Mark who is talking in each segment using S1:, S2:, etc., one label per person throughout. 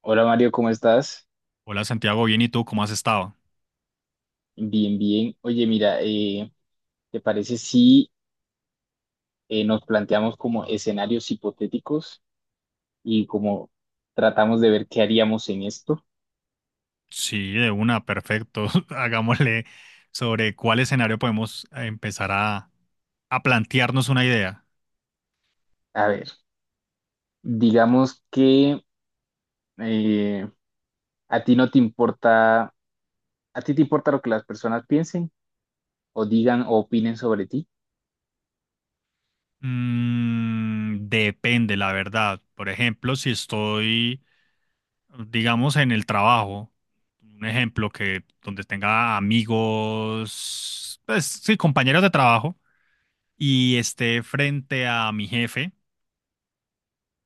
S1: Hola, Mario, ¿cómo estás?
S2: Hola Santiago, bien, ¿y tú cómo has estado?
S1: Bien, bien. Oye, mira, ¿te parece si nos planteamos como escenarios hipotéticos y como tratamos de ver qué haríamos en esto?
S2: Sí, de una, perfecto. Hagámosle sobre cuál escenario podemos empezar a plantearnos una idea.
S1: A ver, digamos que eh, a ti no te importa, a ti te importa lo que las personas piensen o digan o opinen sobre ti.
S2: Mm, depende, la verdad. Por ejemplo, si estoy, digamos, en el trabajo, un ejemplo que donde tenga amigos, pues sí, compañeros de trabajo, y esté frente a mi jefe.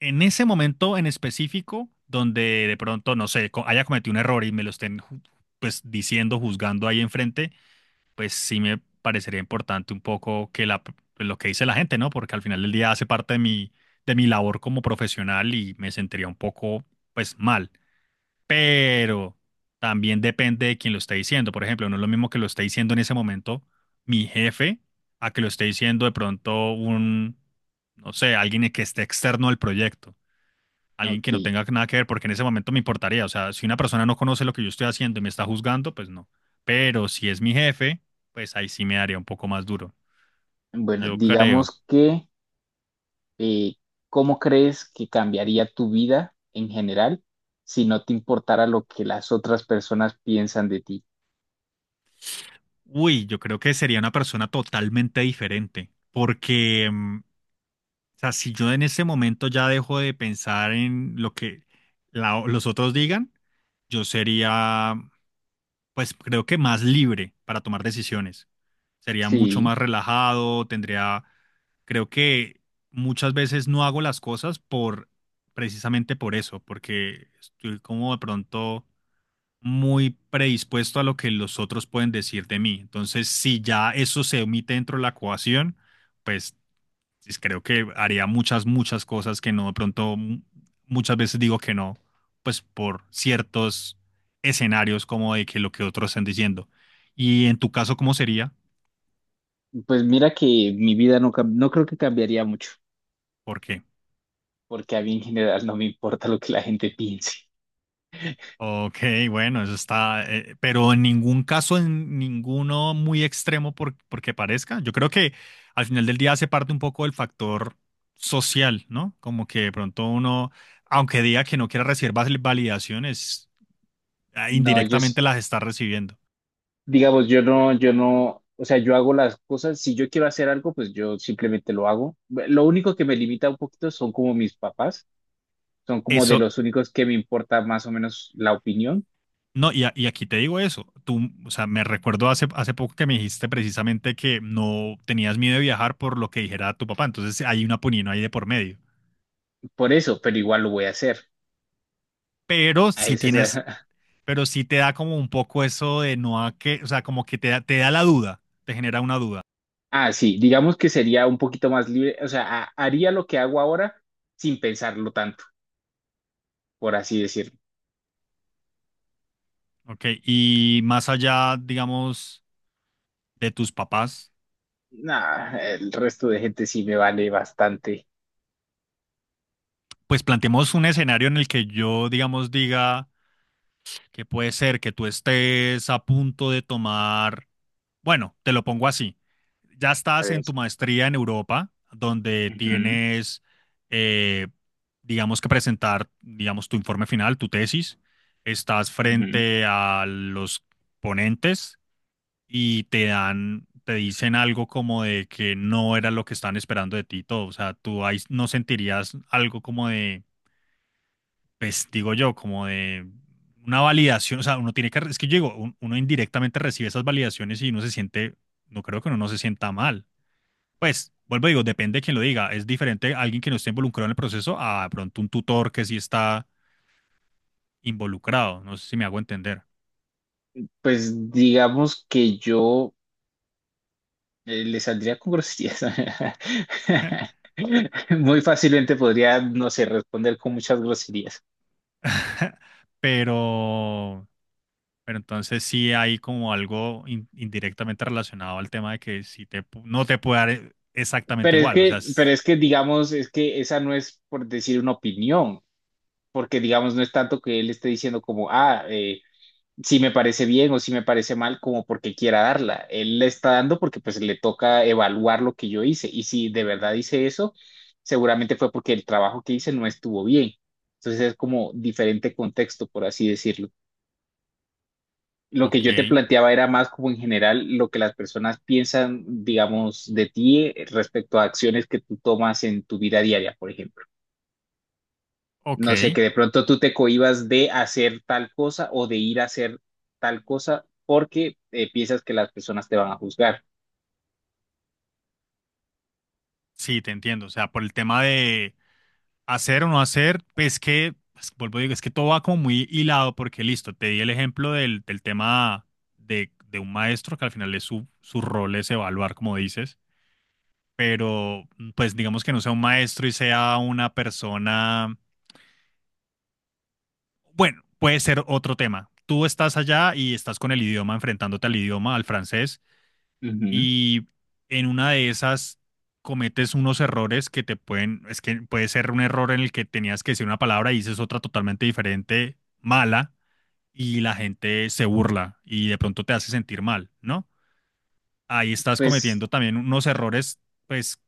S2: En ese momento en específico, donde de pronto, no sé, haya cometido un error y me lo estén pues diciendo, juzgando ahí enfrente, pues sí me parecería importante un poco que la, pues, lo que dice la gente, ¿no? Porque al final del día hace parte de mi labor como profesional y me sentiría un poco pues mal. Pero también depende de quién lo esté diciendo. Por ejemplo, no es lo mismo que lo esté diciendo en ese momento mi jefe a que lo esté diciendo de pronto un, no sé, alguien que esté externo al proyecto, alguien que
S1: Ok,
S2: no tenga nada que ver, porque en ese momento me importaría. O sea, si una persona no conoce lo que yo estoy haciendo y me está juzgando, pues no. Pero si es mi jefe, pues ahí sí me daría un poco más duro.
S1: bueno,
S2: Yo creo.
S1: digamos que eh, ¿cómo crees que cambiaría tu vida en general si no te importara lo que las otras personas piensan de ti?
S2: Uy, yo creo que sería una persona totalmente diferente. Porque, mm, o sea, si yo en ese momento ya dejo de pensar en lo que los otros digan, yo sería pues creo que más libre para tomar decisiones. Sería mucho
S1: Sí,
S2: más relajado, tendría, creo que muchas veces no hago las cosas por, precisamente por eso, porque estoy como de pronto muy predispuesto a lo que los otros pueden decir de mí. Entonces, si ya eso se omite dentro de la ecuación, pues pues creo que haría muchas, muchas cosas que no, de pronto muchas veces digo que no, pues por ciertos escenarios como de que lo que otros están diciendo. Y en tu caso, ¿cómo sería?
S1: pues mira que mi vida no, no creo que cambiaría mucho,
S2: ¿Por qué?
S1: porque a mí en general no me importa lo que la gente piense.
S2: Ok, bueno, eso está, pero en ningún caso, en ninguno muy extremo por, porque parezca. Yo creo que al final del día hace parte un poco del factor social, ¿no? Como que de pronto uno, aunque diga que no quiera recibir validaciones,
S1: No,
S2: indirectamente las está recibiendo.
S1: digamos, yo no, yo no, o sea, yo hago las cosas, si yo quiero hacer algo, pues yo simplemente lo hago. Lo único que me limita un poquito son como mis papás, son como de
S2: Eso,
S1: los únicos que me importa más o menos la opinión,
S2: no, y, y aquí te digo eso. Tú, o sea, me recuerdo hace, hace poco que me dijiste precisamente que no tenías miedo de viajar por lo que dijera tu papá. Entonces hay una punino ahí de por medio.
S1: por eso, pero igual lo voy a hacer.
S2: Pero
S1: a
S2: sí
S1: ese
S2: tienes,
S1: será-
S2: pero sí te da como un poco eso de no a que, o sea, como que te da la duda, te genera una duda.
S1: Ah, sí, digamos que sería un poquito más libre, o sea, haría lo que hago ahora sin pensarlo tanto, por así decirlo.
S2: Ok, y más allá, digamos, de tus papás,
S1: Nah, el resto de gente sí me vale bastante.
S2: pues planteemos un escenario en el que yo, digamos, diga que puede ser que tú estés a punto de tomar. Bueno, te lo pongo así. Ya
S1: A
S2: estás
S1: ver.
S2: en tu maestría en Europa, donde
S1: Ujú,
S2: tienes, eh, digamos que presentar, digamos, tu informe final, tu tesis. Estás
S1: ujú.
S2: frente a los ponentes y te dan, te dicen algo como de que no era lo que están esperando de ti y todo. O sea, tú ahí no sentirías algo como de pues digo yo, como de una validación, o sea, uno tiene que, es que yo digo, uno indirectamente recibe esas validaciones y uno se siente, no creo que uno no se sienta mal. Pues, vuelvo y digo, depende de quien lo diga. Es diferente alguien que no esté involucrado en el proceso a de pronto un tutor que sí está involucrado. No sé si me hago entender.
S1: Pues digamos que yo, le saldría con groserías. Muy fácilmente podría, no sé, responder con muchas groserías.
S2: Pero, pero entonces sí hay como algo indirectamente relacionado al tema de que si te, no te puede dar exactamente igual. O sea,
S1: Pero
S2: es-
S1: es que digamos, es que esa no es por decir una opinión, porque digamos no es tanto que él esté diciendo como, ah, si me parece bien o si me parece mal, como porque quiera darla. Él le está dando porque pues le toca evaluar lo que yo hice, y si de verdad hice eso, seguramente fue porque el trabajo que hice no estuvo bien. Entonces es como diferente contexto, por así decirlo. Lo que
S2: ok,
S1: yo te planteaba era más como en general lo que las personas piensan, digamos, de ti, respecto a acciones que tú tomas en tu vida diaria, por ejemplo. No sé,
S2: ok.
S1: que de pronto tú te cohibas de hacer tal cosa o de ir a hacer tal cosa porque, piensas que las personas te van a juzgar.
S2: Sí, te entiendo. O sea, por el tema de hacer o no hacer, pues que, pues, vuelvo a decir, es que todo va como muy hilado porque listo, te di el ejemplo del, del tema de un maestro que al final es su, su rol es evaluar, como dices, pero mm, pues digamos que no sea un maestro y sea una persona, bueno, puede ser otro tema. Tú estás allá y estás con el idioma, enfrentándote al idioma, al francés
S1: Ujú.
S2: y en una de esas cometes unos errores que te pueden, es que puede ser un error en el que tenías que decir una palabra y dices otra totalmente diferente, mala, y la gente se burla y de pronto te hace sentir mal, ¿no? Ahí estás
S1: Pues,
S2: cometiendo también unos errores, pues,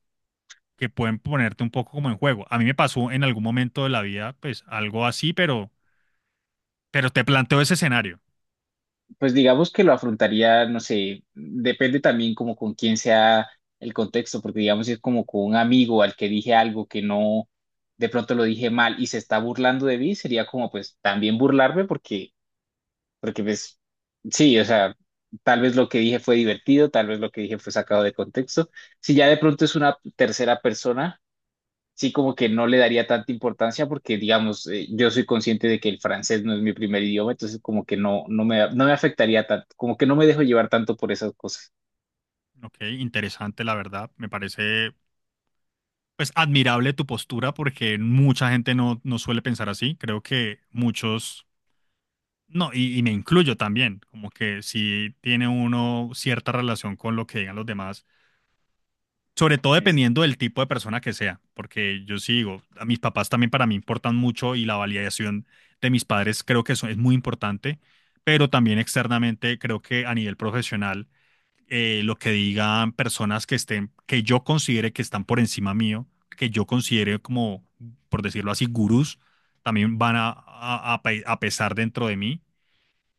S2: que pueden ponerte un poco como en juego. A mí me pasó en algún momento de la vida, pues, algo así, pero te planteo ese escenario.
S1: pues digamos que lo afrontaría, no sé, depende también como con quién sea el contexto, porque digamos si es como con un amigo al que dije algo que no, de pronto lo dije mal y se está burlando de mí, sería como pues también burlarme porque, porque pues, sí, o sea, tal vez lo que dije fue divertido, tal vez lo que dije fue sacado de contexto. Si ya de pronto es una tercera persona, sí como que no le daría tanta importancia porque, digamos, yo soy consciente de que el francés no es mi primer idioma, entonces como que no, no me afectaría tanto, como que no me dejo llevar tanto por esas cosas.
S2: Ok, interesante, la verdad. Me parece pues admirable tu postura porque mucha gente no, no suele pensar así. Creo que muchos, no, y me incluyo también, como que si tiene uno cierta relación con lo que digan los demás, sobre todo
S1: Es-
S2: dependiendo del tipo de persona que sea, porque yo sigo, a mis papás también para mí importan mucho y la validación de mis padres creo que eso es muy importante, pero también externamente creo que a nivel profesional lo que digan personas que estén, que yo considere que están por encima mío, que yo considere como, por decirlo así, gurús, también van a, a pesar dentro de mí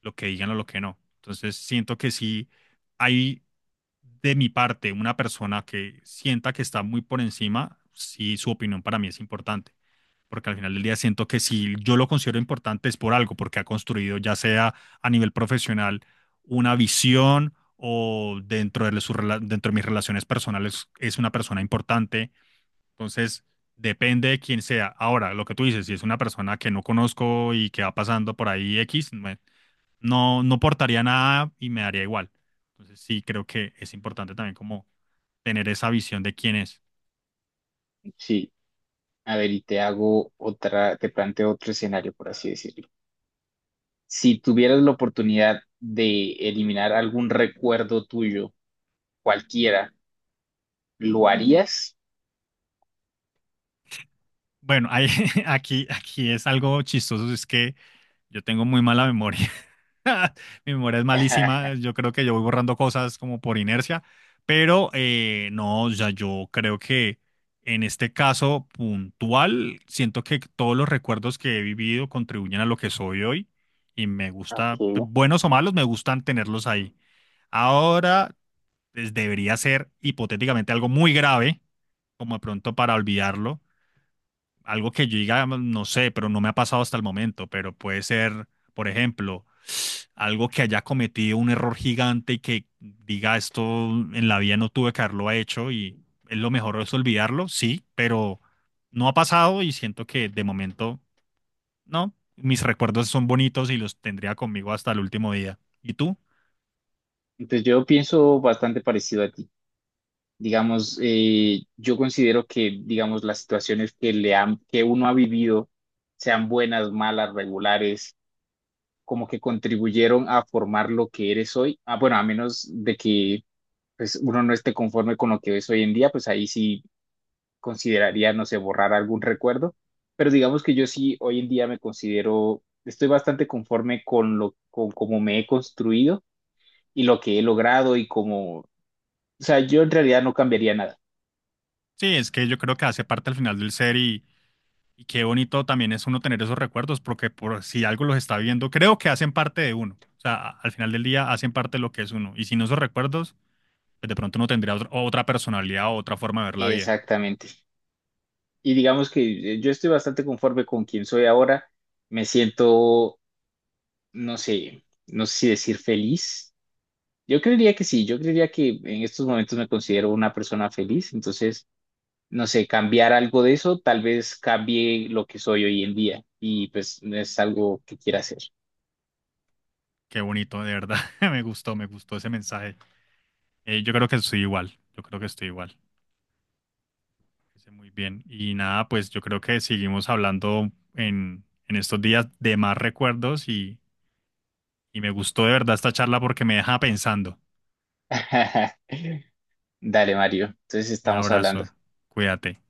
S2: lo que digan o lo que no. Entonces siento que sí hay de mi parte una persona que sienta que está muy por encima, sí su opinión para mí es importante porque al final del día siento que si yo lo considero importante es por algo, porque ha construido ya sea a nivel profesional una visión o dentro de, dentro de mis relaciones personales es una persona importante. Entonces, depende de quién sea. Ahora, lo que tú dices, si es una persona que no conozco y que va pasando por ahí X, no, no portaría nada y me daría igual. Entonces, sí creo que es importante también como tener esa visión de quién es.
S1: sí, a ver, y te hago otra, te planteo otro escenario, por así decirlo. Si tuvieras la oportunidad de eliminar algún recuerdo tuyo, cualquiera, ¿lo harías?
S2: Bueno, aquí, aquí es algo chistoso, es que yo tengo muy mala memoria. Mi memoria es malísima, yo creo que yo voy borrando cosas como por inercia, pero no, o sea, yo creo que en este caso puntual, siento que todos los recuerdos que he vivido contribuyen a lo que soy hoy y me gusta,
S1: Ok.
S2: buenos o malos, me gustan tenerlos ahí. Ahora, pues, debería ser hipotéticamente algo muy grave, como de pronto para olvidarlo algo que yo diga, no sé, pero no me ha pasado hasta el momento, pero puede ser, por ejemplo, algo que haya cometido un error gigante y que diga esto en la vida no tuve que haberlo hecho y es lo mejor es olvidarlo, sí, pero no ha pasado y siento que de momento, no, mis recuerdos son bonitos y los tendría conmigo hasta el último día. ¿Y tú?
S1: Entonces yo pienso bastante parecido a ti. Digamos, yo considero que, digamos, las situaciones que, le han, que uno ha vivido, sean buenas, malas, regulares, como que contribuyeron a formar lo que eres hoy. Ah, bueno, a menos de que, pues, uno no esté conforme con lo que es hoy en día, pues ahí sí consideraría, no sé, borrar algún recuerdo. Pero digamos que yo sí hoy en día me considero, estoy bastante conforme con lo, con cómo me he construido y lo que he logrado y como, o sea, yo en realidad no cambiaría nada.
S2: Sí, es que yo creo que hace parte al final del ser y qué bonito también es uno tener esos recuerdos, porque por si algo los está viendo, creo que hacen parte de uno. O sea, al final del día hacen parte de lo que es uno. Y sin esos recuerdos, pues de pronto uno tendría otra personalidad o otra forma de ver la vida.
S1: Exactamente. Y digamos que, yo estoy bastante conforme con quien soy ahora. Me siento, no sé, no sé si decir feliz. Yo creería que sí, yo creería que en estos momentos me considero una persona feliz. Entonces, no sé, cambiar algo de eso, tal vez cambie lo que soy hoy en día. Y pues no es algo que quiera hacer.
S2: Qué bonito, de verdad. Me gustó ese mensaje. Yo creo que estoy igual. Yo creo que estoy igual. Hice muy bien. Y nada, pues yo creo que seguimos hablando en estos días de más recuerdos y me gustó de verdad esta charla porque me deja pensando.
S1: Dale, Mario. Entonces
S2: Un
S1: estamos hablando.
S2: abrazo. Cuídate.